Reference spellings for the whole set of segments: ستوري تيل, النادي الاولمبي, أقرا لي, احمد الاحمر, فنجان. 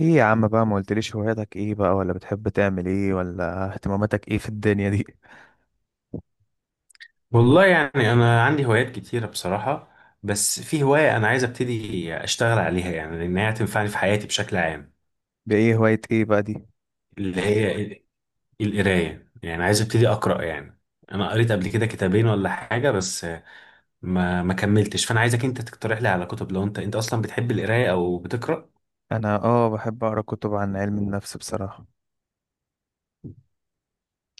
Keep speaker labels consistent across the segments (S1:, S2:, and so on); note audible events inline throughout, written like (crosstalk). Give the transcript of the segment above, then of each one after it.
S1: ايه يا عم بقى، ما قلتليش هواياتك ايه بقى، ولا بتحب تعمل ايه، ولا اهتماماتك ايه في الدنيا دي؟
S2: والله، يعني انا عندي هوايات كتيره بصراحه. بس في هوايه انا عايز ابتدي اشتغل عليها، يعني لان هي هتنفعني في حياتي بشكل عام.
S1: (laughs) بايه؟ هواية ايه بقى دي؟
S2: اللي هي القرايه، يعني عايز ابتدي اقرا يعني. انا قريت قبل كده كتابين ولا حاجه، بس ما كملتش، فانا عايزك انت تقترح لي على كتب لو انت اصلا بتحب القرايه او بتقرا.
S1: انا بحب اقرا كتب عن علم النفس بصراحة.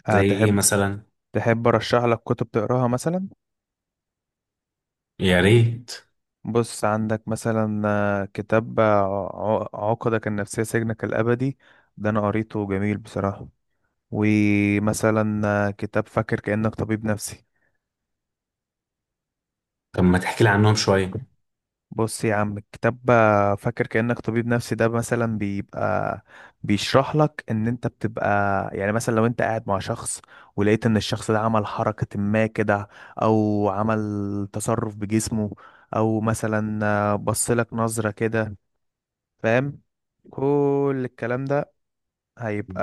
S2: زي
S1: أه
S2: ايه
S1: تحب؟
S2: مثلا؟
S1: تحب ارشح لك كتب تقراها مثلا؟
S2: يا ريت.
S1: بص، عندك مثلا كتاب عقدك النفسية سجنك الأبدي. ده أنا قريته، جميل بصراحة. ومثلا كتاب فاكر كأنك طبيب نفسي.
S2: طب ما تحكي لي عنهم شويه؟
S1: بص يا عم، كتاب فاكر كأنك طبيب نفسي ده مثلا بيبقى بيشرح لك ان انت بتبقى، يعني مثلا لو انت قاعد مع شخص ولقيت ان الشخص ده عمل حركة ما كده، او عمل تصرف بجسمه، او مثلا بص لك نظرة كده، فاهم؟ كل الكلام ده هيبقى،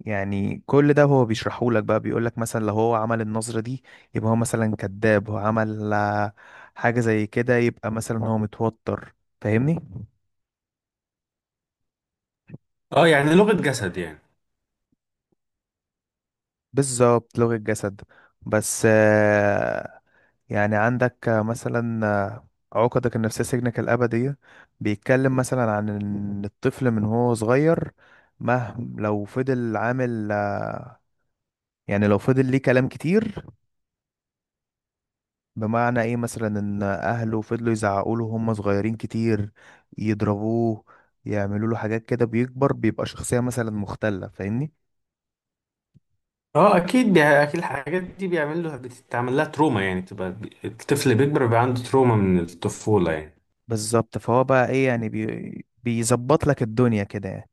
S1: يعني كل ده هو بيشرحه لك بقى، بيقول لك مثلا لو هو عمل النظرة دي يبقى هو مثلا كذاب، هو عمل حاجة زي كده يبقى مثلا هو متوتر، فاهمني؟
S2: اه، يعني لغه جسد يعني.
S1: بالظبط، لغة جسد. بس يعني عندك مثلا عقدك النفسية سجنك الأبدية بيتكلم مثلا عن إن الطفل من هو صغير، مهما لو فضل عامل يعني لو فضل ليه كلام كتير، بمعنى ايه مثلا، ان اهله فضلوا يزعقوا له هم صغيرين كتير، يضربوه، يعملوا له حاجات كده، بيكبر بيبقى شخصية مثلا مختلة، فاهمني؟
S2: اه اكيد اكيد الحاجات دي بيعمل له بتتعمل لها تروما، يعني تبقى الطفل بيكبر بيبقى عنده تروما من الطفولة يعني.
S1: بالظبط. فهو بقى ايه يعني بيظبط لك الدنيا كده يعني.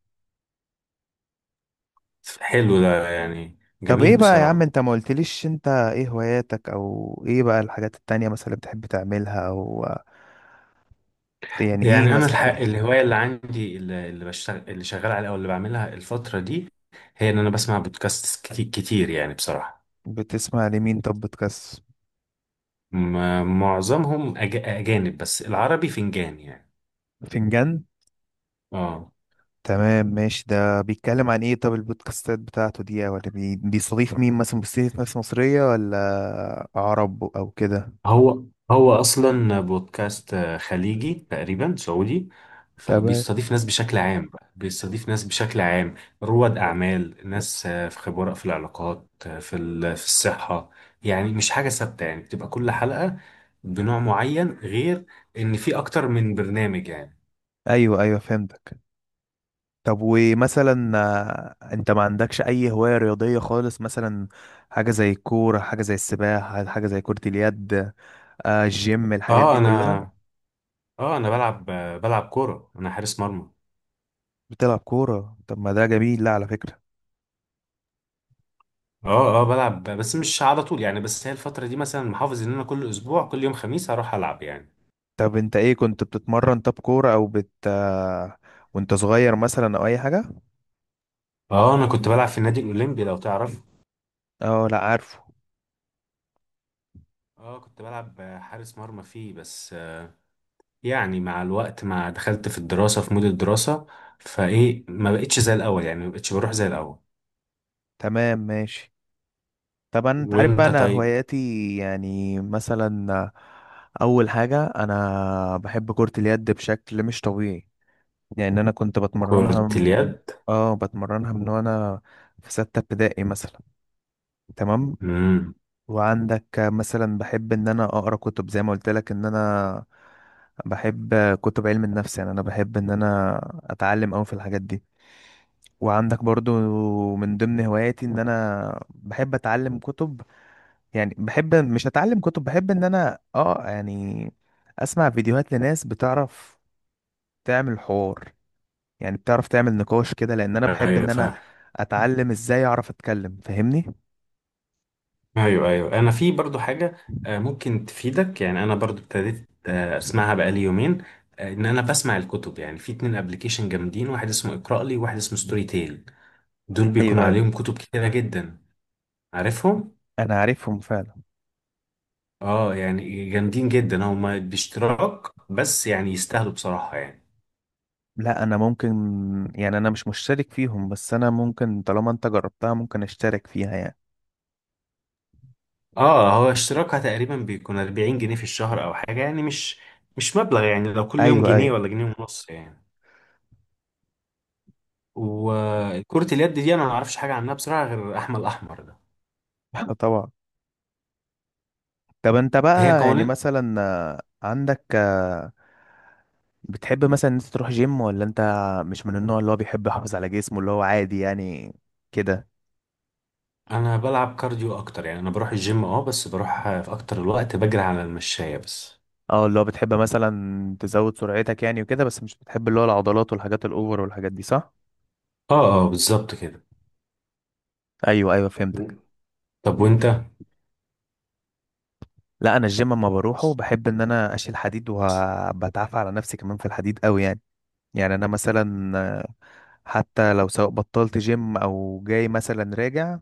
S2: حلو ده يعني
S1: طب ايه
S2: جميل
S1: بقى يا عم،
S2: بصراحة.
S1: انت ما قلتليش انت ايه هواياتك، او ايه بقى الحاجات التانية مثلا اللي بتحب تعملها، او يعني ايه
S2: يعني انا الحق
S1: مثلا؟
S2: الهواية اللي عندي، اللي بشتغل اللي شغال عليها او اللي بعملها الفترة دي، هي ان انا بسمع بودكاست كتير يعني بصراحة.
S1: بتسمع لمين؟ طب بتكس
S2: معظمهم اجانب، بس العربي فنجان يعني.
S1: فنجان.
S2: اه.
S1: تمام، ماشي. ده بيتكلم عن ايه طب؟ البودكاستات بتاعته دي ولا بيستضيف مين مثلا؟ بيستضيف ناس مصرية ولا عرب او كده؟
S2: هو هو اصلا بودكاست خليجي تقريبا سعودي،
S1: تمام.
S2: فبيستضيف ناس بشكل عام، بقى بيستضيف ناس بشكل عام، رواد اعمال، ناس في خبراء في العلاقات، في الصحه. يعني مش حاجه ثابته، يعني بتبقى كل حلقه بنوع معين، غير ان في اكتر من برنامج يعني.
S1: ايوه ايوه فهمتك. طب ومثلا انت ما عندكش اي هواية رياضية خالص مثلا؟ حاجة زي الكورة، حاجة زي السباحة، حاجة زي كرة اليد، آه الجيم، الحاجات
S2: اه،
S1: دي كلها.
S2: انا بلعب كوره، انا حارس مرمى.
S1: بتلعب كورة؟ طب ما ده جميل، لا على فكرة.
S2: اه، اه، بلعب بس مش على طول يعني. بس هي الفتره دي مثلا محافظ ان انا كل اسبوع، كل يوم خميس هروح العب يعني.
S1: طب انت ايه كنت بتتمرن؟ طب كورة او بت آه وانت صغير مثلا، او اي حاجة؟
S2: اه انا كنت بلعب في النادي الاولمبي لو تعرف.
S1: اه لا عارفه.
S2: اه كنت بلعب حارس مرمى فيه، بس يعني مع الوقت ما دخلت في الدراسة، في مود الدراسة، فايه ما بقتش زي الاول يعني، ما بقتش بروح زي الاول.
S1: تمام ماشي. طبعا انت عارف بقى
S2: وانت
S1: انا
S2: طيب؟
S1: هواياتي، يعني مثلا اول حاجه انا بحب كره اليد بشكل مش طبيعي، يعني انا كنت بتمرنها
S2: كرة اليد.
S1: اه بتمرنها من وانا في سته ابتدائي مثلا. تمام.
S2: امم.
S1: وعندك مثلا بحب ان انا اقرا كتب زي ما قلت لك، ان انا بحب كتب علم النفس، يعني انا بحب ان انا اتعلم قوي في الحاجات دي. وعندك برضو من ضمن هواياتي ان انا بحب اتعلم كتب، يعني بحب مش اتعلم كتب، بحب ان انا يعني اسمع فيديوهات لناس بتعرف تعمل حوار، يعني بتعرف تعمل نقاش كده، لان انا بحب
S2: ايوه
S1: ان انا
S2: فاهم.
S1: اتعلم ازاي اعرف اتكلم، فاهمني؟
S2: ايوه، ايوه، انا في برضو حاجه ممكن تفيدك، يعني انا برضو ابتديت اسمعها بقالي يومين. ان انا بسمع الكتب، يعني في اتنين ابلكيشن جامدين، واحد اسمه اقرا لي وواحد اسمه ستوري تيل. دول
S1: ايوه
S2: بيكونوا
S1: ايوه،
S2: عليهم كتب كتيره جدا. عارفهم.
S1: انا عارفهم فعلا.
S2: اه يعني جامدين جدا، هما باشتراك بس يعني يستاهلوا بصراحة يعني.
S1: لا انا ممكن، يعني انا مش مشترك فيهم، بس انا ممكن طالما انت جربتها ممكن اشترك فيها يعني.
S2: اه، هو اشتراكها تقريبا بيكون 40 جنيه في الشهر او حاجة، يعني مش مبلغ يعني، لو كل يوم
S1: ايوه
S2: جنيه
S1: ايوه.
S2: ولا جنيه ونص يعني. وكرة اليد دي انا ما اعرفش حاجة عنها بصراحة غير احمد الاحمر ده.
S1: (laughs) طبعا. طب انت
S2: ده هي
S1: بقى يعني
S2: قوانين.
S1: مثلا عندك، بتحب مثلا إن انت تروح جيم، ولا انت مش من النوع اللي هو بيحب يحافظ على جسمه، اللي هو عادي يعني كده؟
S2: انا بلعب كارديو اكتر، يعني انا بروح الجيم اه، بس بروح في اكتر الوقت بجري على المشاية بس.
S1: اه، اللي هو بتحب مثلا تزود سرعتك يعني وكده، بس مش بتحب اللي هو العضلات والحاجات الاوفر والحاجات دي، صح؟
S2: اه، اه، بالظبط كده.
S1: ايوه ايوه فهمتك.
S2: طب وانت؟
S1: لا انا الجيم اما بروحه بحب ان انا اشيل حديد، وبتعافى على نفسي كمان في الحديد قوي يعني. يعني انا مثلا حتى لو سواء بطلت جيم او جاي مثلا راجع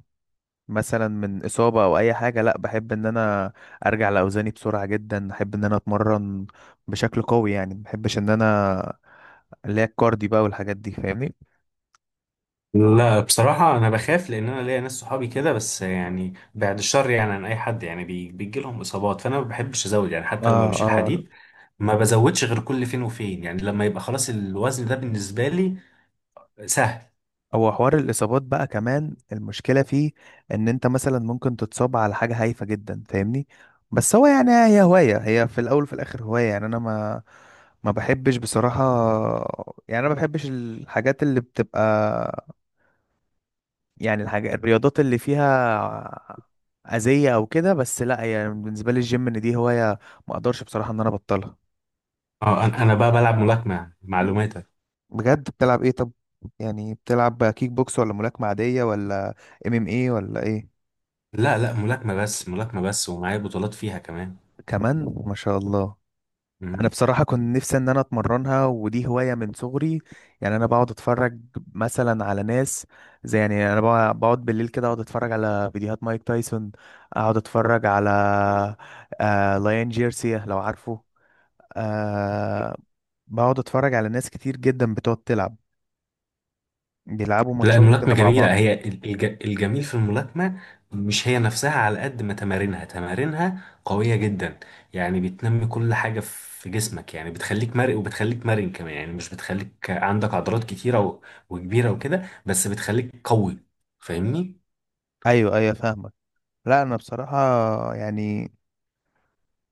S1: مثلا من اصابه او اي حاجه، لا بحب ان انا ارجع لاوزاني بسرعه جدا، بحب ان انا اتمرن بشكل قوي يعني، ما بحبش ان انا اللي هي الكاردي بقى والحاجات دي، فاهمني؟
S2: لا بصراحة أنا بخاف، لأن أنا ليا ناس صحابي كده، بس يعني بعد الشر يعني عن أي حد، يعني بيجي لهم إصابات، فأنا ما بحبش أزود يعني حتى لما
S1: اه
S2: بشيل
S1: اه.
S2: حديد، ما بزودش غير كل فين وفين يعني، لما يبقى خلاص الوزن ده بالنسبة لي سهل.
S1: هو حوار الاصابات بقى كمان المشكله فيه، ان انت مثلا ممكن تتصاب على حاجه هايفه جدا، فاهمني؟ بس هو يعني هي هوايه، هي في الاول وفي الاخر هوايه، يعني انا ما بحبش بصراحه، يعني انا ما بحبش الحاجات اللي بتبقى، يعني الحاجة الرياضات اللي فيها أذية أو كده، بس لأ، يعني بالنسبة لي الجيم إن دي هواية ما أقدرش بصراحة إن أنا أبطلها.
S2: أه، أنا بقى بلعب ملاكمة معلوماتك.
S1: بجد؟ بتلعب ايه طب؟ يعني بتلعب كيك بوكس ولا ملاكمة عادية، ولا ام ام ايه ولا ايه؟
S2: لا لا ملاكمة بس، ملاكمة بس، ومعايا بطولات فيها كمان.
S1: كمان، ما شاء الله. أنا
S2: مم.
S1: بصراحة كنت نفسي إن أنا أتمرنها، ودي هواية من صغري، يعني أنا بقعد أتفرج مثلا على ناس زي، يعني أنا بقعد بالليل كده أقعد أتفرج على فيديوهات مايك تايسون، أقعد أتفرج على آه لايان جيرسيا لو عارفه، آه بقعد اتفرج على ناس كتير جدا بتقعد تلعب، بيلعبوا
S2: لا
S1: ماتشات
S2: الملاكمة
S1: كده مع
S2: جميلة،
S1: بعض.
S2: هي الجميل في الملاكمة مش هي نفسها، على قد ما تمارينها قوية جدا، يعني بتنمي كل حاجة في جسمك يعني، بتخليك مرن، وبتخليك مرن كمان، يعني مش بتخليك عندك عضلات كتيرة وكبيرة وكده، بس بتخليك قوي. فاهمني؟
S1: ايوه ايوه فاهمك. لا انا بصراحة يعني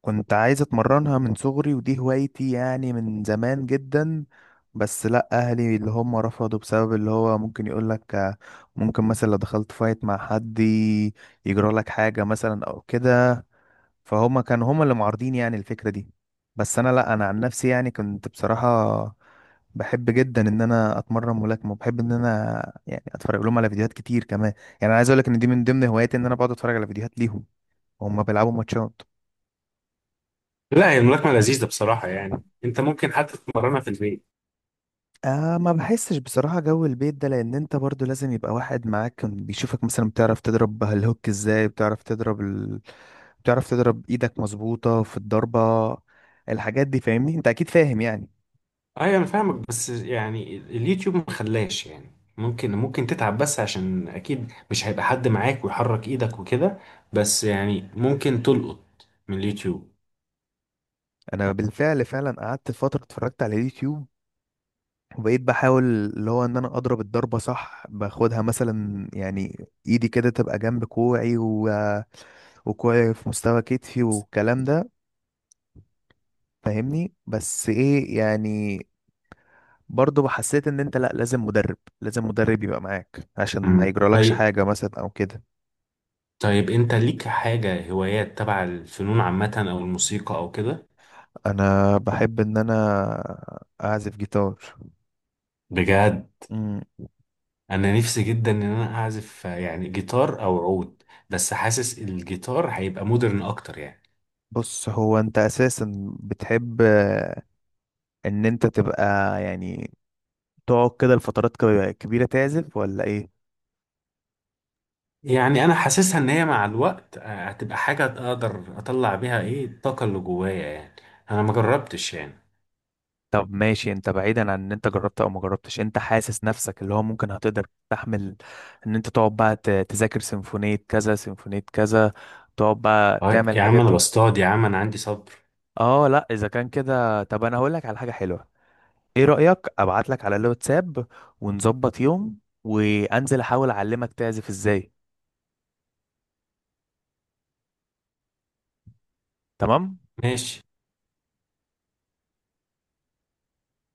S1: كنت عايز اتمرنها من صغري، ودي هوايتي يعني من زمان جدا، بس لا اهلي اللي هم رفضوا بسبب اللي هو ممكن يقول لك ممكن مثلا لو دخلت فايت مع حد يجرى لك حاجة مثلا او كده، فهم كانوا هم اللي معارضين يعني الفكرة دي. بس انا لا، انا عن نفسي يعني كنت بصراحة بحب جدا ان انا اتمرن ملاكمه، وبحب ان انا يعني اتفرج لهم على فيديوهات كتير كمان، يعني انا عايز اقول لك ان دي من ضمن هواياتي ان انا بقعد اتفرج على فيديوهات ليهم وهم بيلعبوا ماتشات.
S2: لا هي الملاكمة لذيذة بصراحة يعني، انت ممكن حتى تتمرنها في البيت.
S1: آه ما بحسش بصراحه جو البيت ده، لان انت برضو لازم يبقى واحد معاك كان بيشوفك مثلا بتعرف تضرب الهوك ازاي، بتعرف تضرب بتعرف تضرب ايدك مظبوطه في الضربه، الحاجات دي فاهمني، انت اكيد فاهم يعني.
S2: ايوه انا فاهمك، بس يعني اليوتيوب ما خلاش يعني. ممكن تتعب بس عشان اكيد مش هيبقى حد معاك ويحرك ايدك وكده، بس يعني ممكن تلقط من اليوتيوب.
S1: انا بالفعل فعلا قعدت فتره اتفرجت على اليوتيوب، وبقيت بحاول اللي هو ان انا اضرب الضربه صح، باخدها مثلا، يعني ايدي كده تبقى جنب كوعي وكوعي في مستوى كتفي والكلام ده، فاهمني؟ بس ايه يعني برضه حسيت ان انت لا، لازم مدرب، لازم مدرب يبقى معاك عشان ما
S2: مم.
S1: يجرالكش
S2: طيب.
S1: حاجه مثلا او كده.
S2: طيب انت ليك حاجة هوايات تبع الفنون عامة او الموسيقى او كده؟
S1: انا بحب ان انا اعزف جيتار.
S2: بجد؟
S1: أمم،
S2: انا نفسي جدا ان انا اعزف يعني جيتار او عود، بس حاسس الجيتار هيبقى مودرن اكتر يعني.
S1: بص هو انت اساسا بتحب ان انت تبقى يعني تقعد كده لفترات كبيره تعزف، ولا ايه؟
S2: يعني انا حاسسها ان هي مع الوقت هتبقى حاجه اقدر اطلع بيها ايه الطاقه اللي جوايا يعني. انا ما جربتش يعني.
S1: طب ماشي، انت بعيدا عن ان انت جربت او ما جربتش، انت حاسس نفسك اللي هو ممكن هتقدر تستحمل ان انت تقعد بقى تذاكر سيمفونية كذا، سيمفونية كذا، تقعد بقى تعمل
S2: طيب يا عم
S1: الحاجات
S2: انا
S1: دي؟
S2: بصطاد، يا عم انا عندي صبر.
S1: اه لا، اذا كان كده طب انا هقول لك على حاجة حلوة. ايه رأيك ابعت لك على الواتساب، ونظبط يوم وانزل احاول اعلمك تعزف ازاي؟ تمام.
S2: ماشي.